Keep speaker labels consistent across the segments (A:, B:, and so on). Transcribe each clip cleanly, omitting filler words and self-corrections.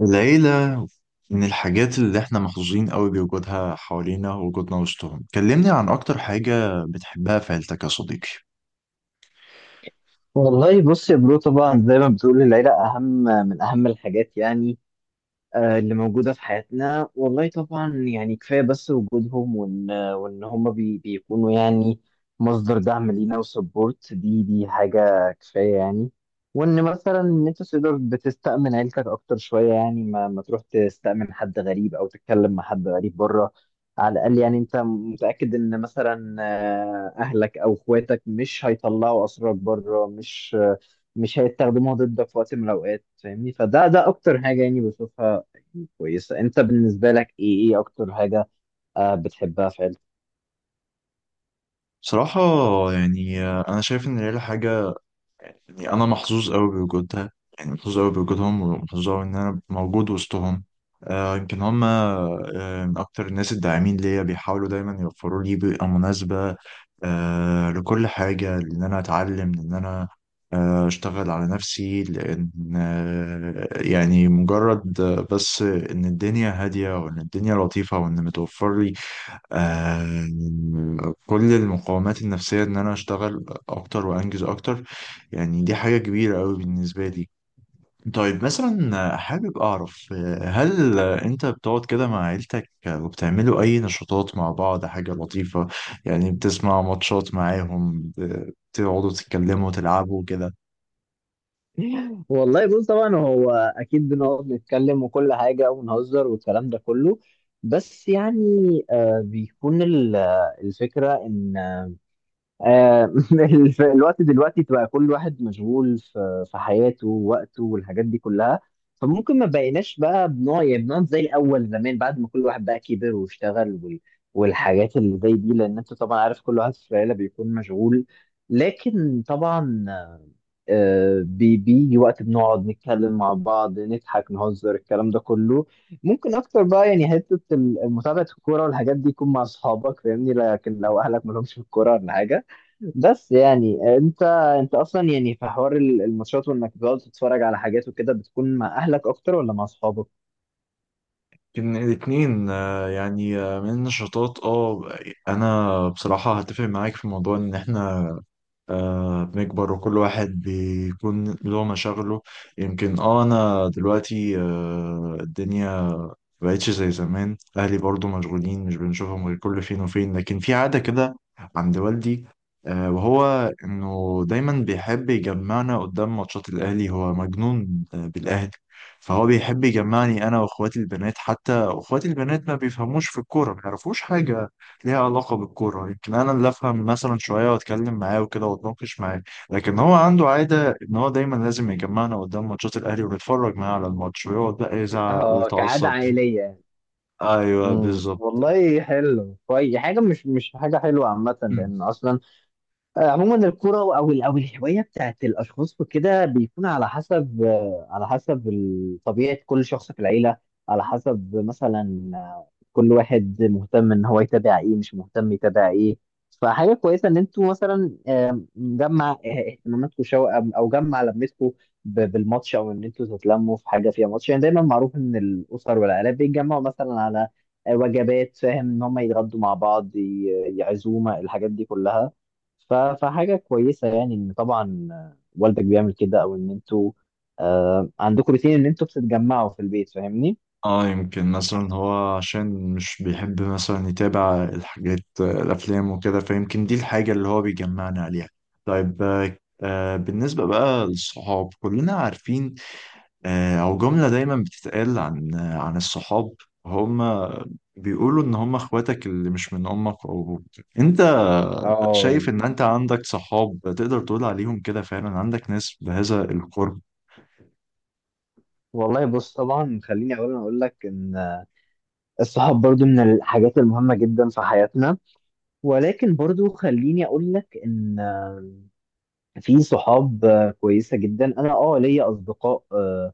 A: العيلة من الحاجات اللي احنا محظوظين قوي بوجودها حوالينا ووجودنا وسطهم. كلمني عن أكتر حاجة بتحبها في عيلتك يا صديقي؟
B: والله بص يا برو، طبعا زي ما بتقول، العيلة أهم من أهم الحاجات. اللي موجودة في حياتنا. والله طبعا يعني كفاية بس وجودهم، وإن هما بيكونوا يعني مصدر دعم لينا وسبورت. دي حاجة كفاية يعني. وإن مثلا إن أنت تقدر بتستأمن عيلتك أكتر شوية، يعني ما تروح تستأمن حد غريب أو تتكلم مع حد غريب بره. على الأقل يعني أنت متأكد إن مثلا أهلك أو إخواتك مش هيطلعوا أسرارك بره، مش هيستخدموها ضدك في وقت من الأوقات، فاهمني؟ فده أكتر حاجة يعني بشوفها كويسة. انت بالنسبة لك ايه اكتر حاجة بتحبها في عيلتك؟
A: بصراحة، يعني أنا شايف إن العيلة حاجة، يعني انا محظوظ قوي بوجودها، يعني محظوظ قوي بوجودهم، ومحظوظ قوي ان انا موجود وسطهم. يمكن هم من اكتر الناس الداعمين ليا، بيحاولوا دايما يوفروا لي بيئة مناسبة لكل حاجة، لان انا اتعلم، لان انا اشتغل على نفسي، لان يعني مجرد، بس ان الدنيا هادية وان الدنيا لطيفة وان متوفر لي كل المقاومات النفسية إن أنا أشتغل أكتر وأنجز أكتر. يعني دي حاجة كبيرة أوي بالنسبة لي. طيب مثلا حابب أعرف، هل أنت بتقعد كده مع عيلتك وبتعملوا أي نشاطات مع بعض؟ حاجة لطيفة، يعني بتسمع ماتشات معاهم، بتقعدوا تتكلموا تلعبوا كده؟
B: والله بص، طبعا هو اكيد بنقعد نتكلم وكل حاجة، ونهزر والكلام ده كله. بس يعني بيكون الفكرة ان، آه، الوقت دلوقتي تبقى كل واحد مشغول في حياته ووقته والحاجات دي كلها. فممكن ما بقيناش بقى بنوع، يعني بنقعد زي الاول زمان، بعد ما كل واحد بقى كبر واشتغل والحاجات اللي زي دي، لان انت طبعا عارف كل واحد في العيله بيكون مشغول. لكن طبعا بيجي وقت بنقعد نتكلم مع بعض، نضحك نهزر الكلام ده كله. ممكن اكتر بقى يعني حته متابعه الكوره والحاجات دي يكون مع اصحابك، فاهمني؟ لكن لو اهلك مالهمش في الكوره ولا حاجه. بس يعني انت، انت اصلا يعني في حوار الماتشات وانك بتقعد تتفرج على حاجات وكده، بتكون مع اهلك اكتر ولا مع اصحابك؟
A: إن الاتنين، يعني من النشاطات. اه انا بصراحة هتفق معاك في موضوع ان احنا بنكبر وكل واحد بيكون له مشاغله. يمكن انا دلوقتي الدنيا مبقتش زي زمان، اهلي برضو مشغولين، مش بنشوفهم غير كل فين وفين، لكن في عادة كده عند والدي، وهو انه دايما بيحب يجمعنا قدام ماتشات الاهلي، هو مجنون بالاهلي. فهو بيحب يجمعني انا واخواتي البنات، حتى اخواتي البنات ما بيفهموش في الكوره، ما يعرفوش حاجه ليها علاقه بالكوره، يمكن انا اللي افهم مثلا شويه واتكلم معاه وكده واتناقش معاه. لكن هو عنده عاده ان هو دايما لازم يجمعنا قدام ماتشات الاهلي ونتفرج معاه على الماتش، ويقعد بقى يزعق
B: اه، كعادة
A: ويتعصب.
B: عائلية.
A: ايوه
B: امم،
A: بالظبط.
B: والله حلو كويس. حاجه مش حاجه حلوه عامه،
A: مم.
B: لان اصلا عموما الكرة او الهواية بتاعت الاشخاص وكده بيكون على حسب، على حسب طبيعة كل شخص في العيلة. على حسب مثلا كل واحد مهتم ان هو يتابع ايه، مش مهتم يتابع ايه. فحاجة كويسة ان انتوا مثلا جمع اهتماماتكم شو، او جمع لمتكم بالماتش، او ان انتوا تتلموا في حاجة فيها ماتش. يعني دايما معروف ان الاسر والعائلات بيتجمعوا مثلا على وجبات، فاهم، ان هم يتغدوا مع بعض، يعزومة، الحاجات دي كلها. فحاجة كويسة يعني إن طبعا والدك بيعمل كده، أو إن أنتوا عندكم روتين إن أنتوا بتتجمعوا في البيت، فاهمني؟
A: اه يمكن مثلا هو عشان مش بيحب مثلا يتابع الحاجات، الافلام وكده، فيمكن دي الحاجه اللي هو بيجمعنا عليها. طيب بالنسبه بقى للصحاب، كلنا عارفين او جمله دايما بتتقال عن الصحاب، هم بيقولوا ان هم اخواتك اللي مش من امك او ابوك. انت
B: اه،
A: شايف ان انت عندك صحاب تقدر تقول عليهم كده فعلا؟ عندك ناس بهذا القرب؟
B: والله بص، طبعا خليني أولا أقول لك إن الصحاب برضو من الحاجات المهمة جدا في حياتنا، ولكن برضو خليني أقول لك إن في صحاب كويسة جدا. أنا أه ليا أصدقاء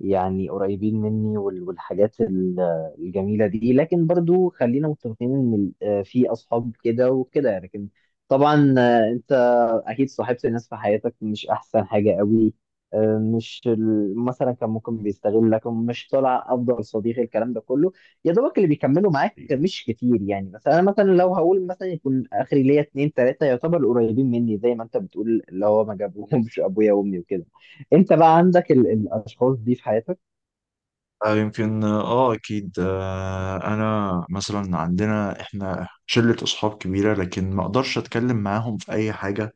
B: يعني قريبين مني والحاجات الجميلة دي. لكن برضو خلينا متفقين ان في اصحاب كده وكده. لكن طبعا انت اكيد صاحبت ناس في حياتك مش احسن حاجة قوي، مش مثلا كان ممكن بيستغلك، مش طالع افضل صديق، الكلام ده كله. يا دوبك اللي بيكملوا معاك مش كتير، يعني مثلا انا مثلا لو هقول، مثلا يكون اخري ليا اتنين تلاتة يعتبر قريبين مني، زي ما انت بتقول اللي هو ما جابوهمش ابويا وامي وكده. انت بقى عندك الاشخاص دي في حياتك؟
A: يمكن اكيد. انا مثلا عندنا احنا شلة اصحاب كبيرة، لكن ما اقدرش اتكلم معاهم في اي حاجة.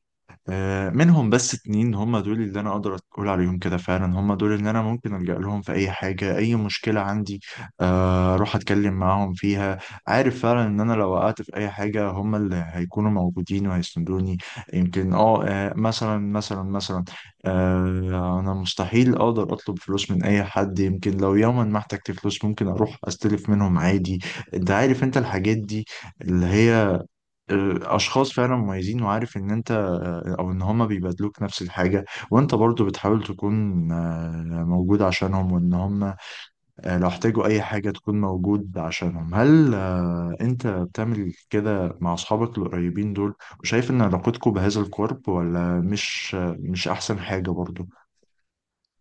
A: منهم بس اتنين هم دول اللي انا اقدر اقول عليهم كده فعلا، هم دول اللي انا ممكن الجأ لهم في اي حاجة اي مشكلة عندي، اروح اتكلم معاهم فيها. عارف فعلا ان انا لو وقعت في اي حاجة هم اللي هيكونوا موجودين وهيسندوني. يمكن مثلا، انا مستحيل اقدر اطلب فلوس من اي حد، يمكن لو يوما ما احتجت فلوس ممكن اروح استلف منهم عادي. انت عارف انت الحاجات دي اللي هي، اشخاص فعلا مميزين، وعارف ان انت، او ان هما بيبادلوك نفس الحاجه، وانت برضو بتحاول تكون موجود عشانهم، وان هما لو احتاجوا اي حاجه تكون موجود عشانهم. هل انت بتعمل كده مع اصحابك القريبين دول، وشايف ان علاقتكم بهذا القرب ولا مش احسن حاجه برضو؟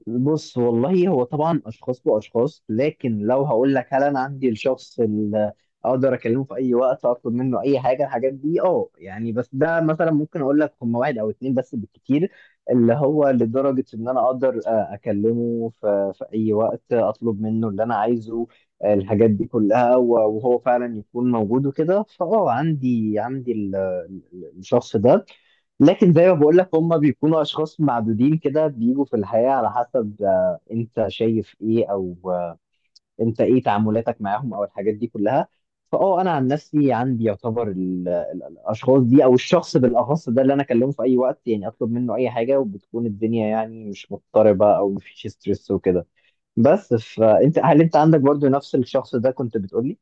B: بص والله هو طبعا اشخاص واشخاص، لكن لو هقول لك هل انا عندي الشخص اللي اقدر اكلمه في اي وقت اطلب منه اي حاجه، الحاجات دي، اه يعني. بس ده مثلا ممكن اقول لك هم واحد او اتنين بس بالكتير، اللي هو لدرجه ان انا اقدر اكلمه في اي وقت اطلب منه اللي انا عايزه، الحاجات دي كلها، وهو فعلا يكون موجود وكده. فاه، عندي، عندي الشخص ده. لكن زي ما بقول لك، هم بيكونوا اشخاص معدودين كده بيجوا في الحياة على حسب انت شايف ايه، او انت ايه تعاملاتك معاهم، او الحاجات دي كلها. فاه انا عن نفسي عندي يعتبر الاشخاص دي، او الشخص بالاخص ده اللي انا اكلمه في اي وقت، يعني اطلب منه اي حاجة، وبتكون الدنيا يعني مش مضطربة او مفيش ستريس وكده بس. فانت هل انت عندك برضو نفس الشخص ده كنت بتقولي؟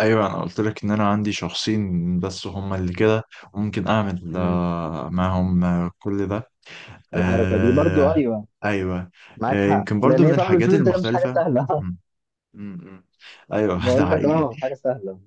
A: ايوه انا قلت لك ان انا عندي شخصين بس هما اللي كده، وممكن اعمل
B: مم.
A: معاهم كل ده.
B: الحركة دي برضو،
A: آه
B: ايوه.
A: ايوه.
B: معاك حق،
A: يمكن برضو
B: لان
A: من
B: هي طلب
A: الحاجات
B: الفلوس ده مش حاجة
A: المختلفه.
B: سهلة.
A: مم. مم. مم. ايوه ده
B: بقول لك
A: حقيقي.
B: اه، حاجه سهله.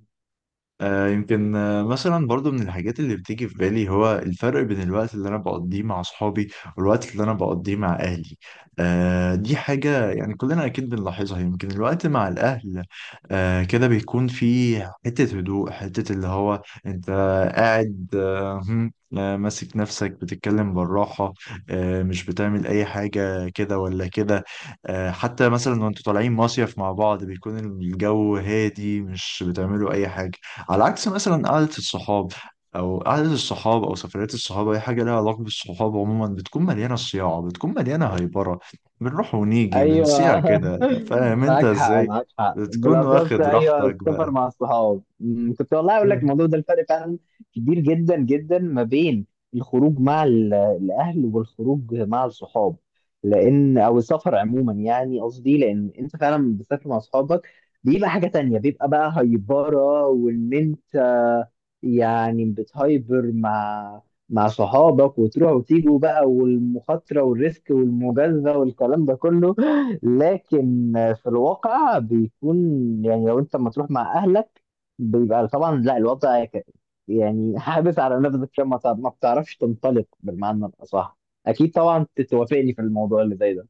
A: يمكن مثلا برضو من الحاجات اللي بتيجي في بالي هو الفرق بين الوقت اللي انا بقضيه مع اصحابي والوقت اللي انا بقضيه مع اهلي. دي حاجة يعني كلنا اكيد بنلاحظها. يمكن الوقت مع الاهل كده بيكون في حتة هدوء، حتة اللي هو انت قاعد، آه، هم، آه، ماسك نفسك بتتكلم بالراحة، مش بتعمل اي حاجة كده ولا كده. حتى مثلا وانتوا طالعين مصيف مع بعض بيكون الجو هادي، مش بتعملوا اي حاجة. على عكس مثلا قعدة الصحاب أو سفريات الصحاب، أي حاجة لها علاقة بالصحاب عموما بتكون مليانة صياعة، بتكون مليانة هايبرة، بنروح ونيجي بنصيع
B: ايوه
A: كده. فاهم أنت
B: معاك حق،
A: إزاي؟
B: معاك حق،
A: بتكون
B: بالاخص
A: واخد
B: ايوه
A: راحتك
B: السفر مع الصحاب. كنت والله اقول لك
A: بقى.
B: الموضوع ده، الفرق فعلا كبير جدا جدا ما بين الخروج مع الاهل والخروج مع الصحاب. لان او السفر عموما، يعني قصدي لان انت فعلا بتسافر مع اصحابك بيبقى حاجه تانية، بيبقى بقى هايبره، وان انت يعني بتهايبر مع، مع صحابك، وتروح وتيجوا بقى، والمخاطره والريسك والمجازفه والكلام ده كله. لكن في الواقع بيكون، يعني لو انت لما تروح مع اهلك بيبقى طبعا لا، الوضع يعني حابس على نفسك، عشان ما بتعرفش تنطلق بالمعنى الاصح. اكيد طبعا تتوافقني في الموضوع اللي زي ده.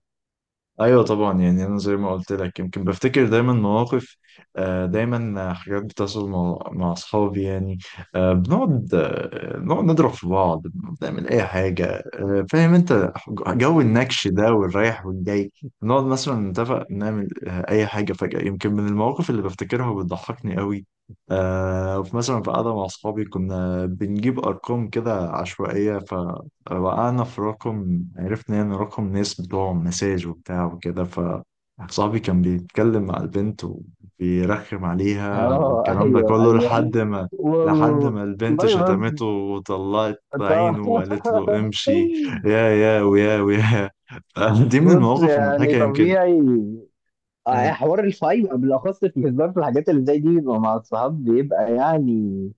A: ايوه طبعا، يعني انا زي ما قلت لك، يمكن بفتكر دايما مواقف، دايما حاجات بتحصل مع اصحابي، يعني آه، بنقعد آه، نقعد نضرب في بعض، بنعمل اي حاجه، فاهم انت جو النكش ده والرايح والجاي. نقعد مثلا نتفق نعمل اي حاجه فجاه. يمكن من المواقف اللي بفتكرها وبتضحكني قوي، وفي مثلا، في قعده مع اصحابي كنا بنجيب ارقام كده عشوائيه. وقعنا في رقم، عرفنا يعني رقم ناس بتوعهم مساج وبتاع وكده، فصاحبي كان بيتكلم مع البنت وبيرخم عليها
B: اه
A: والكلام ده
B: ايوه
A: كله،
B: ايوه.
A: لحد ما لحد
B: وال-
A: ما البنت
B: والله
A: شتمته
B: بص
A: وطلعت
B: طبعا.
A: عينه وقالت له امشي. يا يا ويا ويا. دي من
B: بص
A: المواقف
B: يعني
A: المضحكة يمكن.
B: طبيعي،
A: مم.
B: حوار الفايب بالاخص في الهزار، في الحاجات اللي زي دي بيبقى مع الصحاب، بيبقى يعني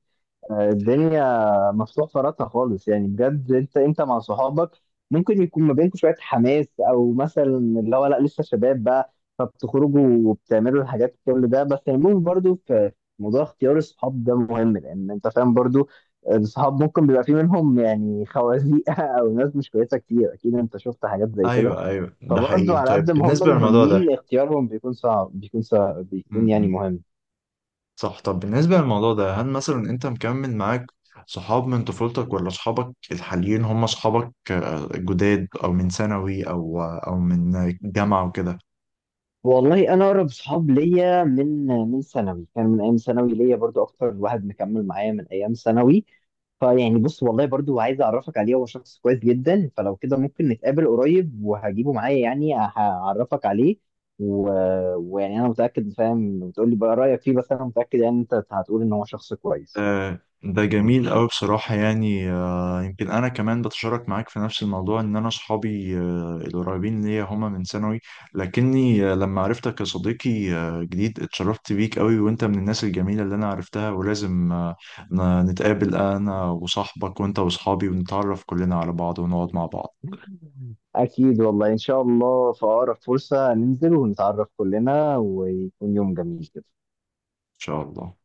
B: الدنيا مفتوح فراتها خالص. يعني بجد انت، انت مع صحابك ممكن يكون ما بينكم شويه حماس، او مثلا اللي هو لا لسه شباب بقى، فبتخرجوا وبتعملوا الحاجات كل ده. بس المهم برضو في موضوع اختيار الصحاب ده مهم، لان انت فاهم برضو الصحاب ممكن بيبقى في منهم يعني خوازيق، او ناس مش كويسه كتير، اكيد انت شفت حاجات زي كده.
A: ايوه ايوه ده
B: فبرضو
A: حقيقي.
B: على
A: طيب
B: قد ما
A: بالنسبة
B: هم
A: للموضوع
B: مهمين، اختيارهم بيكون صعب، بيكون صعب، بيكون يعني
A: ده،
B: مهم.
A: صح، طب بالنسبة للموضوع ده، هل مثلا انت مكمل معاك صحاب من طفولتك ولا صحابك الحاليين هم صحابك جداد، او من ثانوي او من جامعة وكده؟
B: والله انا اقرب صحاب ليا من ثانوي، كان من ايام ثانوي ليا برضو اكتر واحد مكمل معايا من ايام ثانوي. فيعني بص، والله برضو عايز اعرفك عليه، هو شخص كويس جدا، فلو كده ممكن نتقابل قريب وهجيبه معايا، يعني هعرفك عليه. و... ويعني انا متاكد، فاهم، بتقول لي بقى رايك فيه، بس انا متاكد يعني انت هتقول ان هو شخص كويس.
A: آه، ده جميل أوي بصراحة، يعني يمكن أنا كمان بتشارك معاك في نفس الموضوع، إن أنا أصحابي القريبين ليا هما من ثانوي. لكني لما عرفتك يا صديقي جديد، اتشرفت بيك أوي، وأنت من الناس الجميلة اللي أنا عرفتها، ولازم نتقابل أنا وصاحبك وأنت وصحابي ونتعرف كلنا على بعض ونقعد مع بعض
B: اكيد والله، ان شاء الله في اقرب فرصه ننزل ونتعرف كلنا، ويكون يوم جميل كده.
A: إن شاء الله.